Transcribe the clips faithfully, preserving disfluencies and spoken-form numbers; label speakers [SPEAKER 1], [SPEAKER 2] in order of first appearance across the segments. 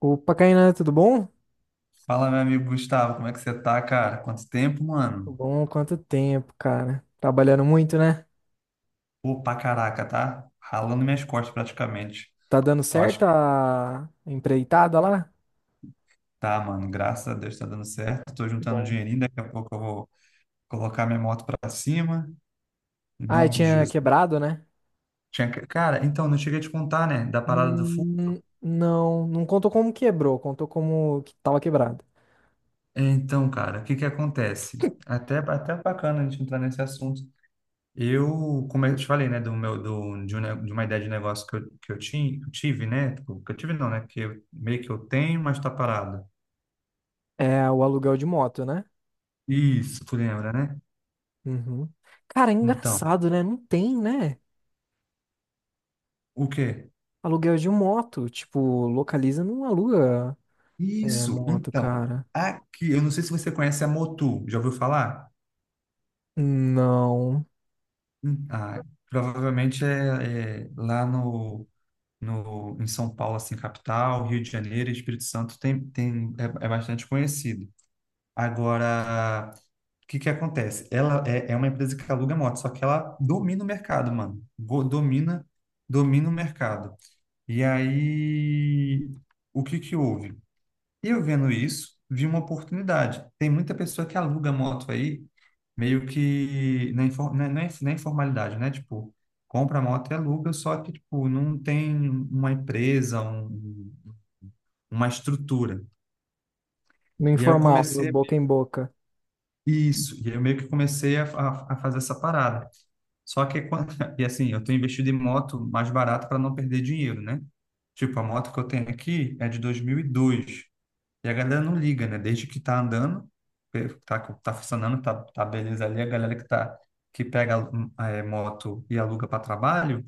[SPEAKER 1] Opa, Kainan, tudo bom?
[SPEAKER 2] Fala, meu amigo Gustavo, como é que você tá, cara? Quanto tempo, mano?
[SPEAKER 1] Tudo bom? Quanto tempo, cara? Trabalhando muito, né?
[SPEAKER 2] Pô, pra caraca, tá? Ralando minhas costas praticamente.
[SPEAKER 1] Tá dando
[SPEAKER 2] Eu acho
[SPEAKER 1] certo
[SPEAKER 2] que
[SPEAKER 1] a empreitada lá?
[SPEAKER 2] tá, mano. Graças a Deus tá dando certo. Tô
[SPEAKER 1] Que
[SPEAKER 2] juntando um
[SPEAKER 1] bom.
[SPEAKER 2] dinheirinho, daqui a pouco eu vou colocar minha moto pra cima. Em
[SPEAKER 1] Ah, e
[SPEAKER 2] nome de
[SPEAKER 1] tinha
[SPEAKER 2] Jesus.
[SPEAKER 1] quebrado, né?
[SPEAKER 2] Tinha que- Cara, então, não cheguei a te contar, né, da parada do fogo.
[SPEAKER 1] Hum, não, não contou como quebrou, contou como que tava quebrado.
[SPEAKER 2] Então, cara, o que que acontece? Até, até bacana a gente entrar nesse assunto. Eu, como eu te falei, né, do meu, do, de, um ne- de uma ideia de negócio que eu, que eu tinha, que eu tive, né, tipo, que eu tive não, né, que eu, meio que eu tenho, mas tá parado.
[SPEAKER 1] É o aluguel de moto, né?
[SPEAKER 2] Isso, tu lembra, né?
[SPEAKER 1] Uhum. Cara, é
[SPEAKER 2] Então,
[SPEAKER 1] engraçado, né? Não tem, né?
[SPEAKER 2] o quê?
[SPEAKER 1] Aluguel de moto. Tipo, localiza, não aluga é,
[SPEAKER 2] Isso,
[SPEAKER 1] moto,
[SPEAKER 2] então,
[SPEAKER 1] cara.
[SPEAKER 2] aqui, eu não sei se você conhece a Motu, já ouviu falar?
[SPEAKER 1] Não.
[SPEAKER 2] Hum, Ah, provavelmente é, é lá no, no, em São Paulo, assim, capital, Rio de Janeiro e Espírito Santo tem, tem, é é bastante conhecido. Agora, o que que acontece? Ela é, é uma empresa que aluga moto, só que ela domina o mercado, mano. Go- Domina, domina o mercado. E aí, o que que houve? Eu vendo isso, vi uma oportunidade. Tem muita pessoa que aluga moto aí, meio que na, infor- na, na, na informalidade, né? Tipo, compra a moto e aluga, só que, tipo, não tem uma empresa, um, uma estrutura.
[SPEAKER 1] No
[SPEAKER 2] E aí eu
[SPEAKER 1] informal, no
[SPEAKER 2] comecei
[SPEAKER 1] boca em boca.
[SPEAKER 2] Isso, e aí eu meio que comecei a, a, a fazer essa parada. Só que, quando- e assim, eu tenho investido em moto mais barato para não perder dinheiro, né? Tipo, a moto que eu tenho aqui é de dois mil e dois e a galera não liga, né? Desde que tá andando, pe- tá, tá funcionando, tá, tá beleza ali, a galera que tá, que pega hum, é, moto e aluga para trabalho,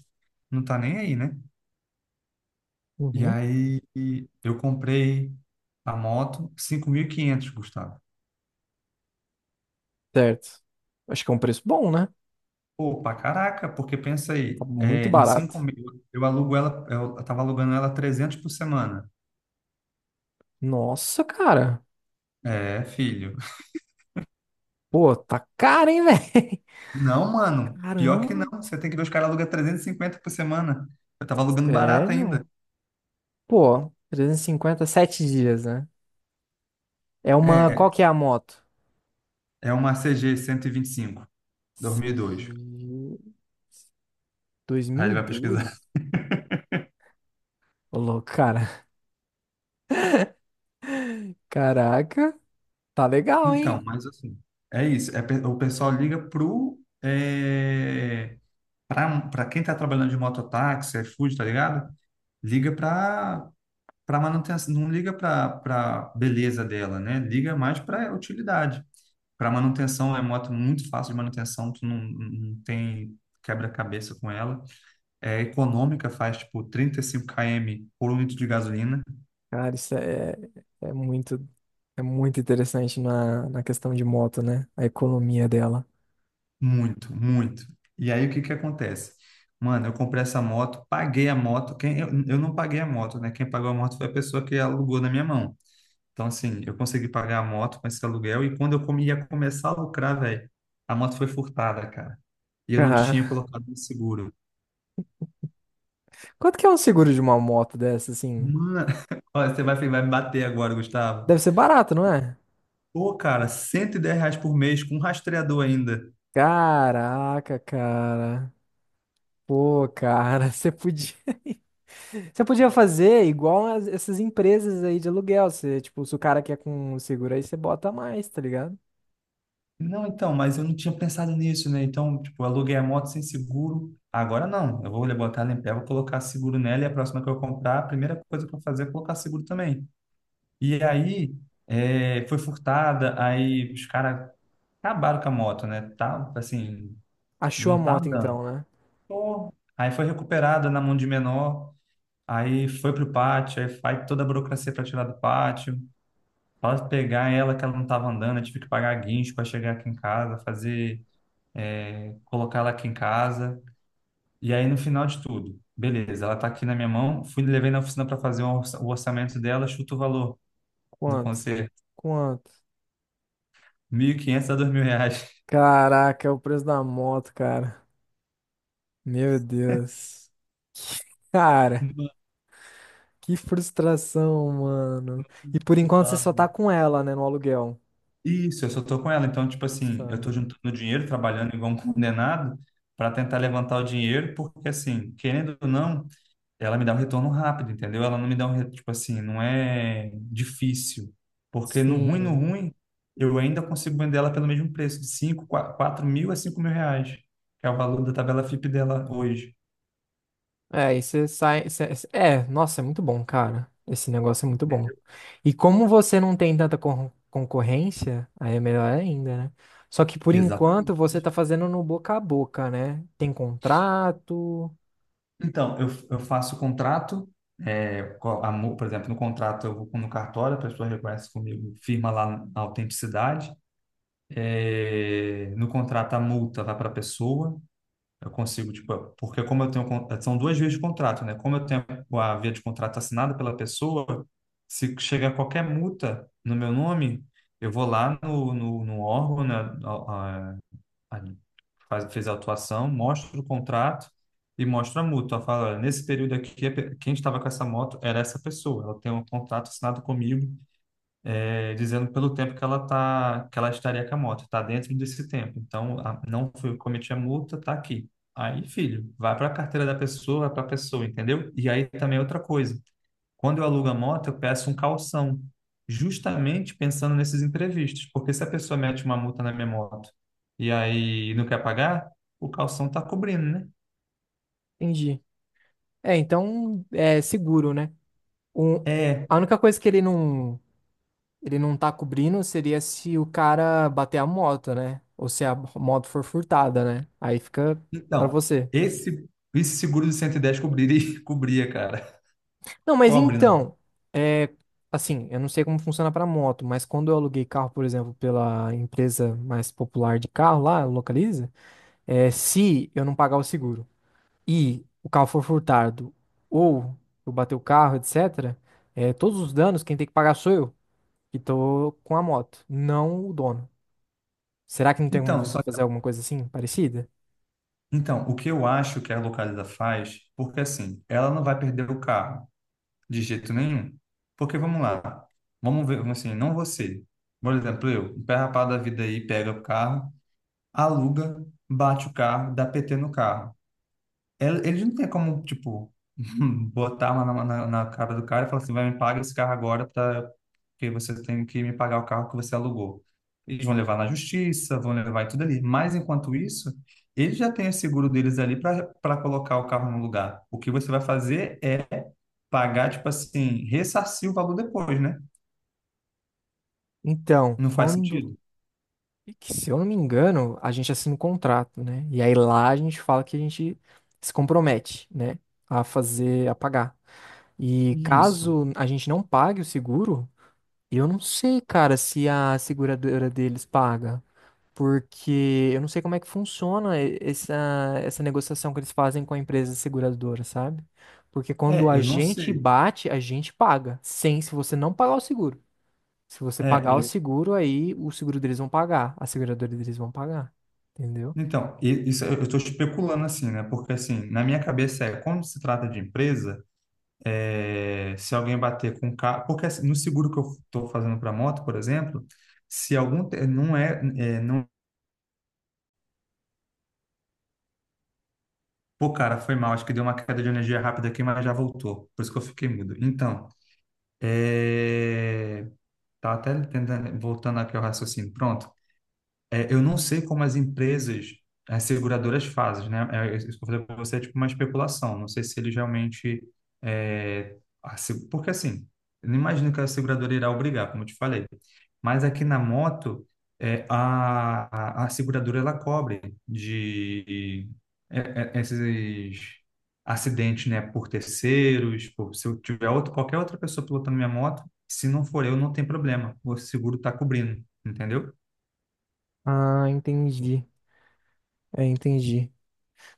[SPEAKER 2] não tá nem aí, né? E
[SPEAKER 1] Uhum.
[SPEAKER 2] aí eu comprei a moto cinco mil e quinhentos, Gustavo.
[SPEAKER 1] Certo. Acho que é um preço bom, né?
[SPEAKER 2] Pô, pra caraca, porque pensa
[SPEAKER 1] Tá
[SPEAKER 2] aí, é,
[SPEAKER 1] muito
[SPEAKER 2] em
[SPEAKER 1] barato.
[SPEAKER 2] cinco mil, eu alugo ela, eu tava alugando ela trezentos por semana.
[SPEAKER 1] Nossa, cara.
[SPEAKER 2] É, filho.
[SPEAKER 1] Pô, tá caro, hein, velho?
[SPEAKER 2] Não, mano, pior que não,
[SPEAKER 1] Caramba,
[SPEAKER 2] você tem que ver os caras alugam trezentos e cinquenta por semana. Eu tava alugando barato ainda.
[SPEAKER 1] sério? Pô, trezentos e cinquenta sete dias, né? É uma. Qual
[SPEAKER 2] É,
[SPEAKER 1] que é a moto?
[SPEAKER 2] é uma C G cento e vinte e cinco, dois mil e dois.
[SPEAKER 1] Se-
[SPEAKER 2] Aí ele vai pesquisar.
[SPEAKER 1] dois mil e dois? Ô, louco, cara. Caraca, tá legal,
[SPEAKER 2] Então,
[SPEAKER 1] hein?
[SPEAKER 2] mas assim, é isso, é, pe- o pessoal liga pro, é, pra, pra quem tá trabalhando de mototáxi, iFood, tá ligado? Liga pra para manutenção, não liga para beleza dela, né? Liga mais para utilidade. Para manutenção, é moto é muito fácil de manutenção, tu não, não tem quebra-cabeça com ela. É econômica, faz tipo trinta e cinco quilômetros por um litro de gasolina,
[SPEAKER 1] Cara, isso é, é muito, é muito interessante na, na questão de moto, né? A economia dela.
[SPEAKER 2] muito, muito. E aí o que que acontece? Mano, eu comprei essa moto, paguei a moto, quem eu, eu não paguei a moto, né? Quem pagou a moto foi a pessoa que alugou na minha mão. Então, assim, eu consegui pagar a moto com esse aluguel, e quando eu come- ia começar a lucrar, velho, a moto foi furtada, cara. E eu não
[SPEAKER 1] Cara,
[SPEAKER 2] tinha colocado no seguro.
[SPEAKER 1] quanto que é um seguro de uma moto dessa, assim?
[SPEAKER 2] Mano, olha, você vai, vai me bater agora, Gustavo.
[SPEAKER 1] Deve ser barato, não é?
[SPEAKER 2] Pô, cara, cento e dez reais por mês com um rastreador ainda.
[SPEAKER 1] Caraca, cara. Pô, cara, você podia. Você podia fazer igual as- essas empresas aí de aluguel. Você, tipo, se o cara quer com seguro aí, você bota mais, tá ligado?
[SPEAKER 2] Não, então, mas eu não tinha pensado nisso, né? Então, tipo, eu aluguei a moto sem seguro. Agora não, eu vou botar ela em pé, vou colocar seguro nela, e a próxima que eu comprar, a primeira coisa que eu fazer é colocar seguro também. E aí, é, foi furtada, aí os caras acabaram com a moto, né? Tá, assim,
[SPEAKER 1] Achou a
[SPEAKER 2] não tá
[SPEAKER 1] moto
[SPEAKER 2] andando.
[SPEAKER 1] então, né?
[SPEAKER 2] Pô. Aí foi recuperada na mão de menor, aí foi pro pátio, aí faz toda a burocracia para tirar do pátio. Para pegar ela, que ela não tava andando, eu tive que pagar guincho para chegar aqui em casa, fazer, é, colocar ela aqui em casa. E aí no final de tudo, beleza, ela tá aqui na minha mão, fui levei na oficina para fazer o orça- o orçamento dela, chuta o valor do
[SPEAKER 1] Quanto?
[SPEAKER 2] conserto,
[SPEAKER 1] Quanto?
[SPEAKER 2] mil e quinhentos a dois mil reais.
[SPEAKER 1] Caraca, é o preço da moto, cara. Meu Deus. Cara, que frustração, mano. E por enquanto você só tá com ela, né, no aluguel.
[SPEAKER 2] Isso, eu só tô com ela. Então, tipo assim, eu tô
[SPEAKER 1] Insano.
[SPEAKER 2] juntando
[SPEAKER 1] Entendi.
[SPEAKER 2] dinheiro, trabalhando igual um condenado para tentar levantar o dinheiro, porque assim, querendo ou não, ela me dá um retorno rápido, entendeu? Ela não me dá um, re- tipo assim, não é difícil. Porque no ruim, no
[SPEAKER 1] Sim.
[SPEAKER 2] ruim, eu ainda consigo vender ela pelo mesmo preço, de cinco quatro mil a cinco mil reais, que é o valor da tabela FIP dela hoje.
[SPEAKER 1] É, e você sai. Cê- cê- é, nossa, é muito bom, cara. Esse negócio é muito bom. E como você não tem tanta con- concorrência, aí é melhor ainda, né? Só que por
[SPEAKER 2] Exatamente.
[SPEAKER 1] enquanto você tá fazendo no boca a boca, né? Tem contrato.
[SPEAKER 2] Então, eu, eu faço o contrato, é, co- a mu- por exemplo, no contrato eu vou no cartório, a pessoa reconhece comigo, firma lá a autenticidade. É, no contrato a multa vai para a pessoa, eu consigo, tipo, porque como eu tenho, con- são duas vias de contrato, né? Como eu tenho a via de contrato assinada pela pessoa, se chega qualquer multa no meu nome, eu vou lá no, no, no órgão, né, aí faz- fez a autuação, mostra o contrato e mostra a multa. Ela fala, "Olha, nesse período aqui, a pe- quem estava com essa moto era essa pessoa. Ela tem um contrato assinado comigo, eh, dizendo pelo tempo que ela tá, que ela estaria com a moto. Está dentro desse tempo. Então, a- não foi eu que cometi a multa, tá aqui." Aí, filho, vai para a carteira da pessoa, vai para a pessoa, entendeu? E aí também é outra coisa. Quando eu alugo a moto, eu peço um calção, justamente pensando nesses imprevistos, porque se a pessoa mete uma multa na minha moto e aí não quer pagar, o calção está cobrindo, né?
[SPEAKER 1] Entendi. É, então é seguro, né? O,
[SPEAKER 2] É,
[SPEAKER 1] a única coisa que ele não, ele não tá cobrindo seria se o cara bater a moto, né? Ou se a moto for furtada, né? Aí fica pra
[SPEAKER 2] então,
[SPEAKER 1] você.
[SPEAKER 2] esse, esse seguro de cento e dez cobriria, cobria, cara.
[SPEAKER 1] Não, mas
[SPEAKER 2] Cobre, né?
[SPEAKER 1] então, é, assim, eu não sei como funciona pra moto, mas quando eu aluguei carro, por exemplo, pela empresa mais popular de carro lá, Localiza, é, se eu não pagar o seguro e o carro for furtado ou eu bater o carro, et cetera, é, todos os danos quem tem que pagar sou eu, que tô com a moto, não o dono. Será que não tem como
[SPEAKER 2] Então,
[SPEAKER 1] você
[SPEAKER 2] só
[SPEAKER 1] fazer
[SPEAKER 2] que-
[SPEAKER 1] alguma coisa assim, parecida?
[SPEAKER 2] então, o que eu acho que a Localiza faz, porque assim, ela não vai perder o carro de jeito nenhum. Porque vamos lá, vamos ver, vamos assim, não você. Por exemplo, eu, um pé rapado da vida aí pega o carro, aluga, bate o carro, dá P T no carro. Ele- Eles não tem como, tipo, botar a mão na, na, na cara do cara e falar assim, vai, me paga esse carro agora, pra, porque você tem que me pagar o carro que você alugou. Eles vão levar na justiça, vão levar tudo ali. Mas, enquanto isso, eles já têm o seguro deles ali para para colocar o carro no lugar. O que você vai fazer é pagar, tipo assim, ressarcir o valor depois, né?
[SPEAKER 1] Então,
[SPEAKER 2] Não faz
[SPEAKER 1] quando
[SPEAKER 2] sentido?
[SPEAKER 1] E que, se eu não me engano, a gente assina um contrato, né? E aí lá a gente fala que a gente se compromete, né? A fazer, a pagar. E
[SPEAKER 2] Isso.
[SPEAKER 1] caso a gente não pague o seguro, eu não sei, cara, se a seguradora deles paga. Porque eu não sei como é que funciona e- essa, essa negociação que eles fazem com a empresa seguradora, sabe? Porque quando
[SPEAKER 2] É,
[SPEAKER 1] a
[SPEAKER 2] eu não
[SPEAKER 1] gente
[SPEAKER 2] sei.
[SPEAKER 1] bate, a gente paga. Sem, se você não pagar o seguro. Se você pagar o
[SPEAKER 2] É,
[SPEAKER 1] seguro, aí o seguro deles vão pagar. A seguradora deles vão pagar. Entendeu?
[SPEAKER 2] então, e- isso eu estou especulando assim, né? Porque assim, na minha cabeça é, quando se trata de empresa, é, se alguém bater com o carro, porque assim, no seguro que eu estou fazendo para moto, por exemplo, se algum te- não é, é, não, pô, cara, foi mal, acho que deu uma queda de energia rápida aqui, mas já voltou, por isso que eu fiquei mudo. Então, é, tá até tentando, voltando aqui ao raciocínio. Pronto. É, eu não sei como as empresas, as seguradoras fazem, né? É, isso que eu falei para você é tipo uma especulação. Não sei se eles realmente. É, a se- Porque assim, eu não imagino que a seguradora irá obrigar, como eu te falei. Mas aqui na moto, é, a, a, a seguradora ela cobre de é, é, esses acidentes, né? Por terceiros, por, se eu tiver outro, qualquer outra pessoa pilotando minha moto, se não for eu, não tem problema. O seguro está cobrindo, entendeu?
[SPEAKER 1] Ah, entendi. É, entendi.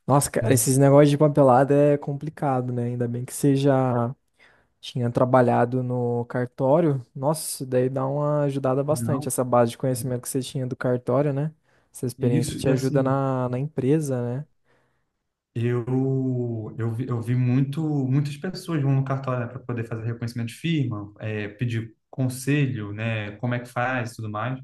[SPEAKER 1] Nossa, cara,
[SPEAKER 2] Hum.
[SPEAKER 1] esses negócios de papelada é complicado, né? Ainda bem que você já tinha trabalhado no cartório. Nossa, isso daí dá uma ajudada bastante,
[SPEAKER 2] Não.
[SPEAKER 1] essa base de conhecimento que você tinha do cartório, né? Essa experiência
[SPEAKER 2] Isso,
[SPEAKER 1] te
[SPEAKER 2] e
[SPEAKER 1] ajuda
[SPEAKER 2] assim,
[SPEAKER 1] na, na empresa, né?
[SPEAKER 2] eu, eu vi, eu vi muito, muitas pessoas vão no cartório, para poder fazer reconhecimento de firma, é, pedir conselho, né, como é que faz e tudo mais.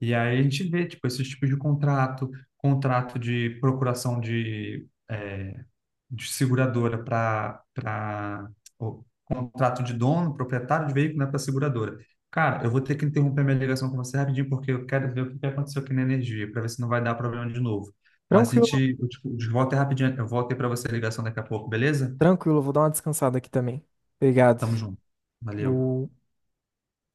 [SPEAKER 2] E aí a gente vê, tipo, esses tipos de contrato, contrato de procuração de é, de seguradora para para contrato de dono, proprietário de veículo, né, para seguradora. Cara, eu vou ter que interromper minha ligação com você rapidinho porque eu quero ver o que que aconteceu aqui na energia para ver se não vai dar problema de novo. Mas a
[SPEAKER 1] Tranquilo,
[SPEAKER 2] gente, eu te, eu te volto aí rapidinho, eu volto aí para você a ligação daqui a pouco, beleza?
[SPEAKER 1] tranquilo. Vou dar uma descansada aqui também. Obrigado.
[SPEAKER 2] Tamo junto. Valeu.
[SPEAKER 1] Lu.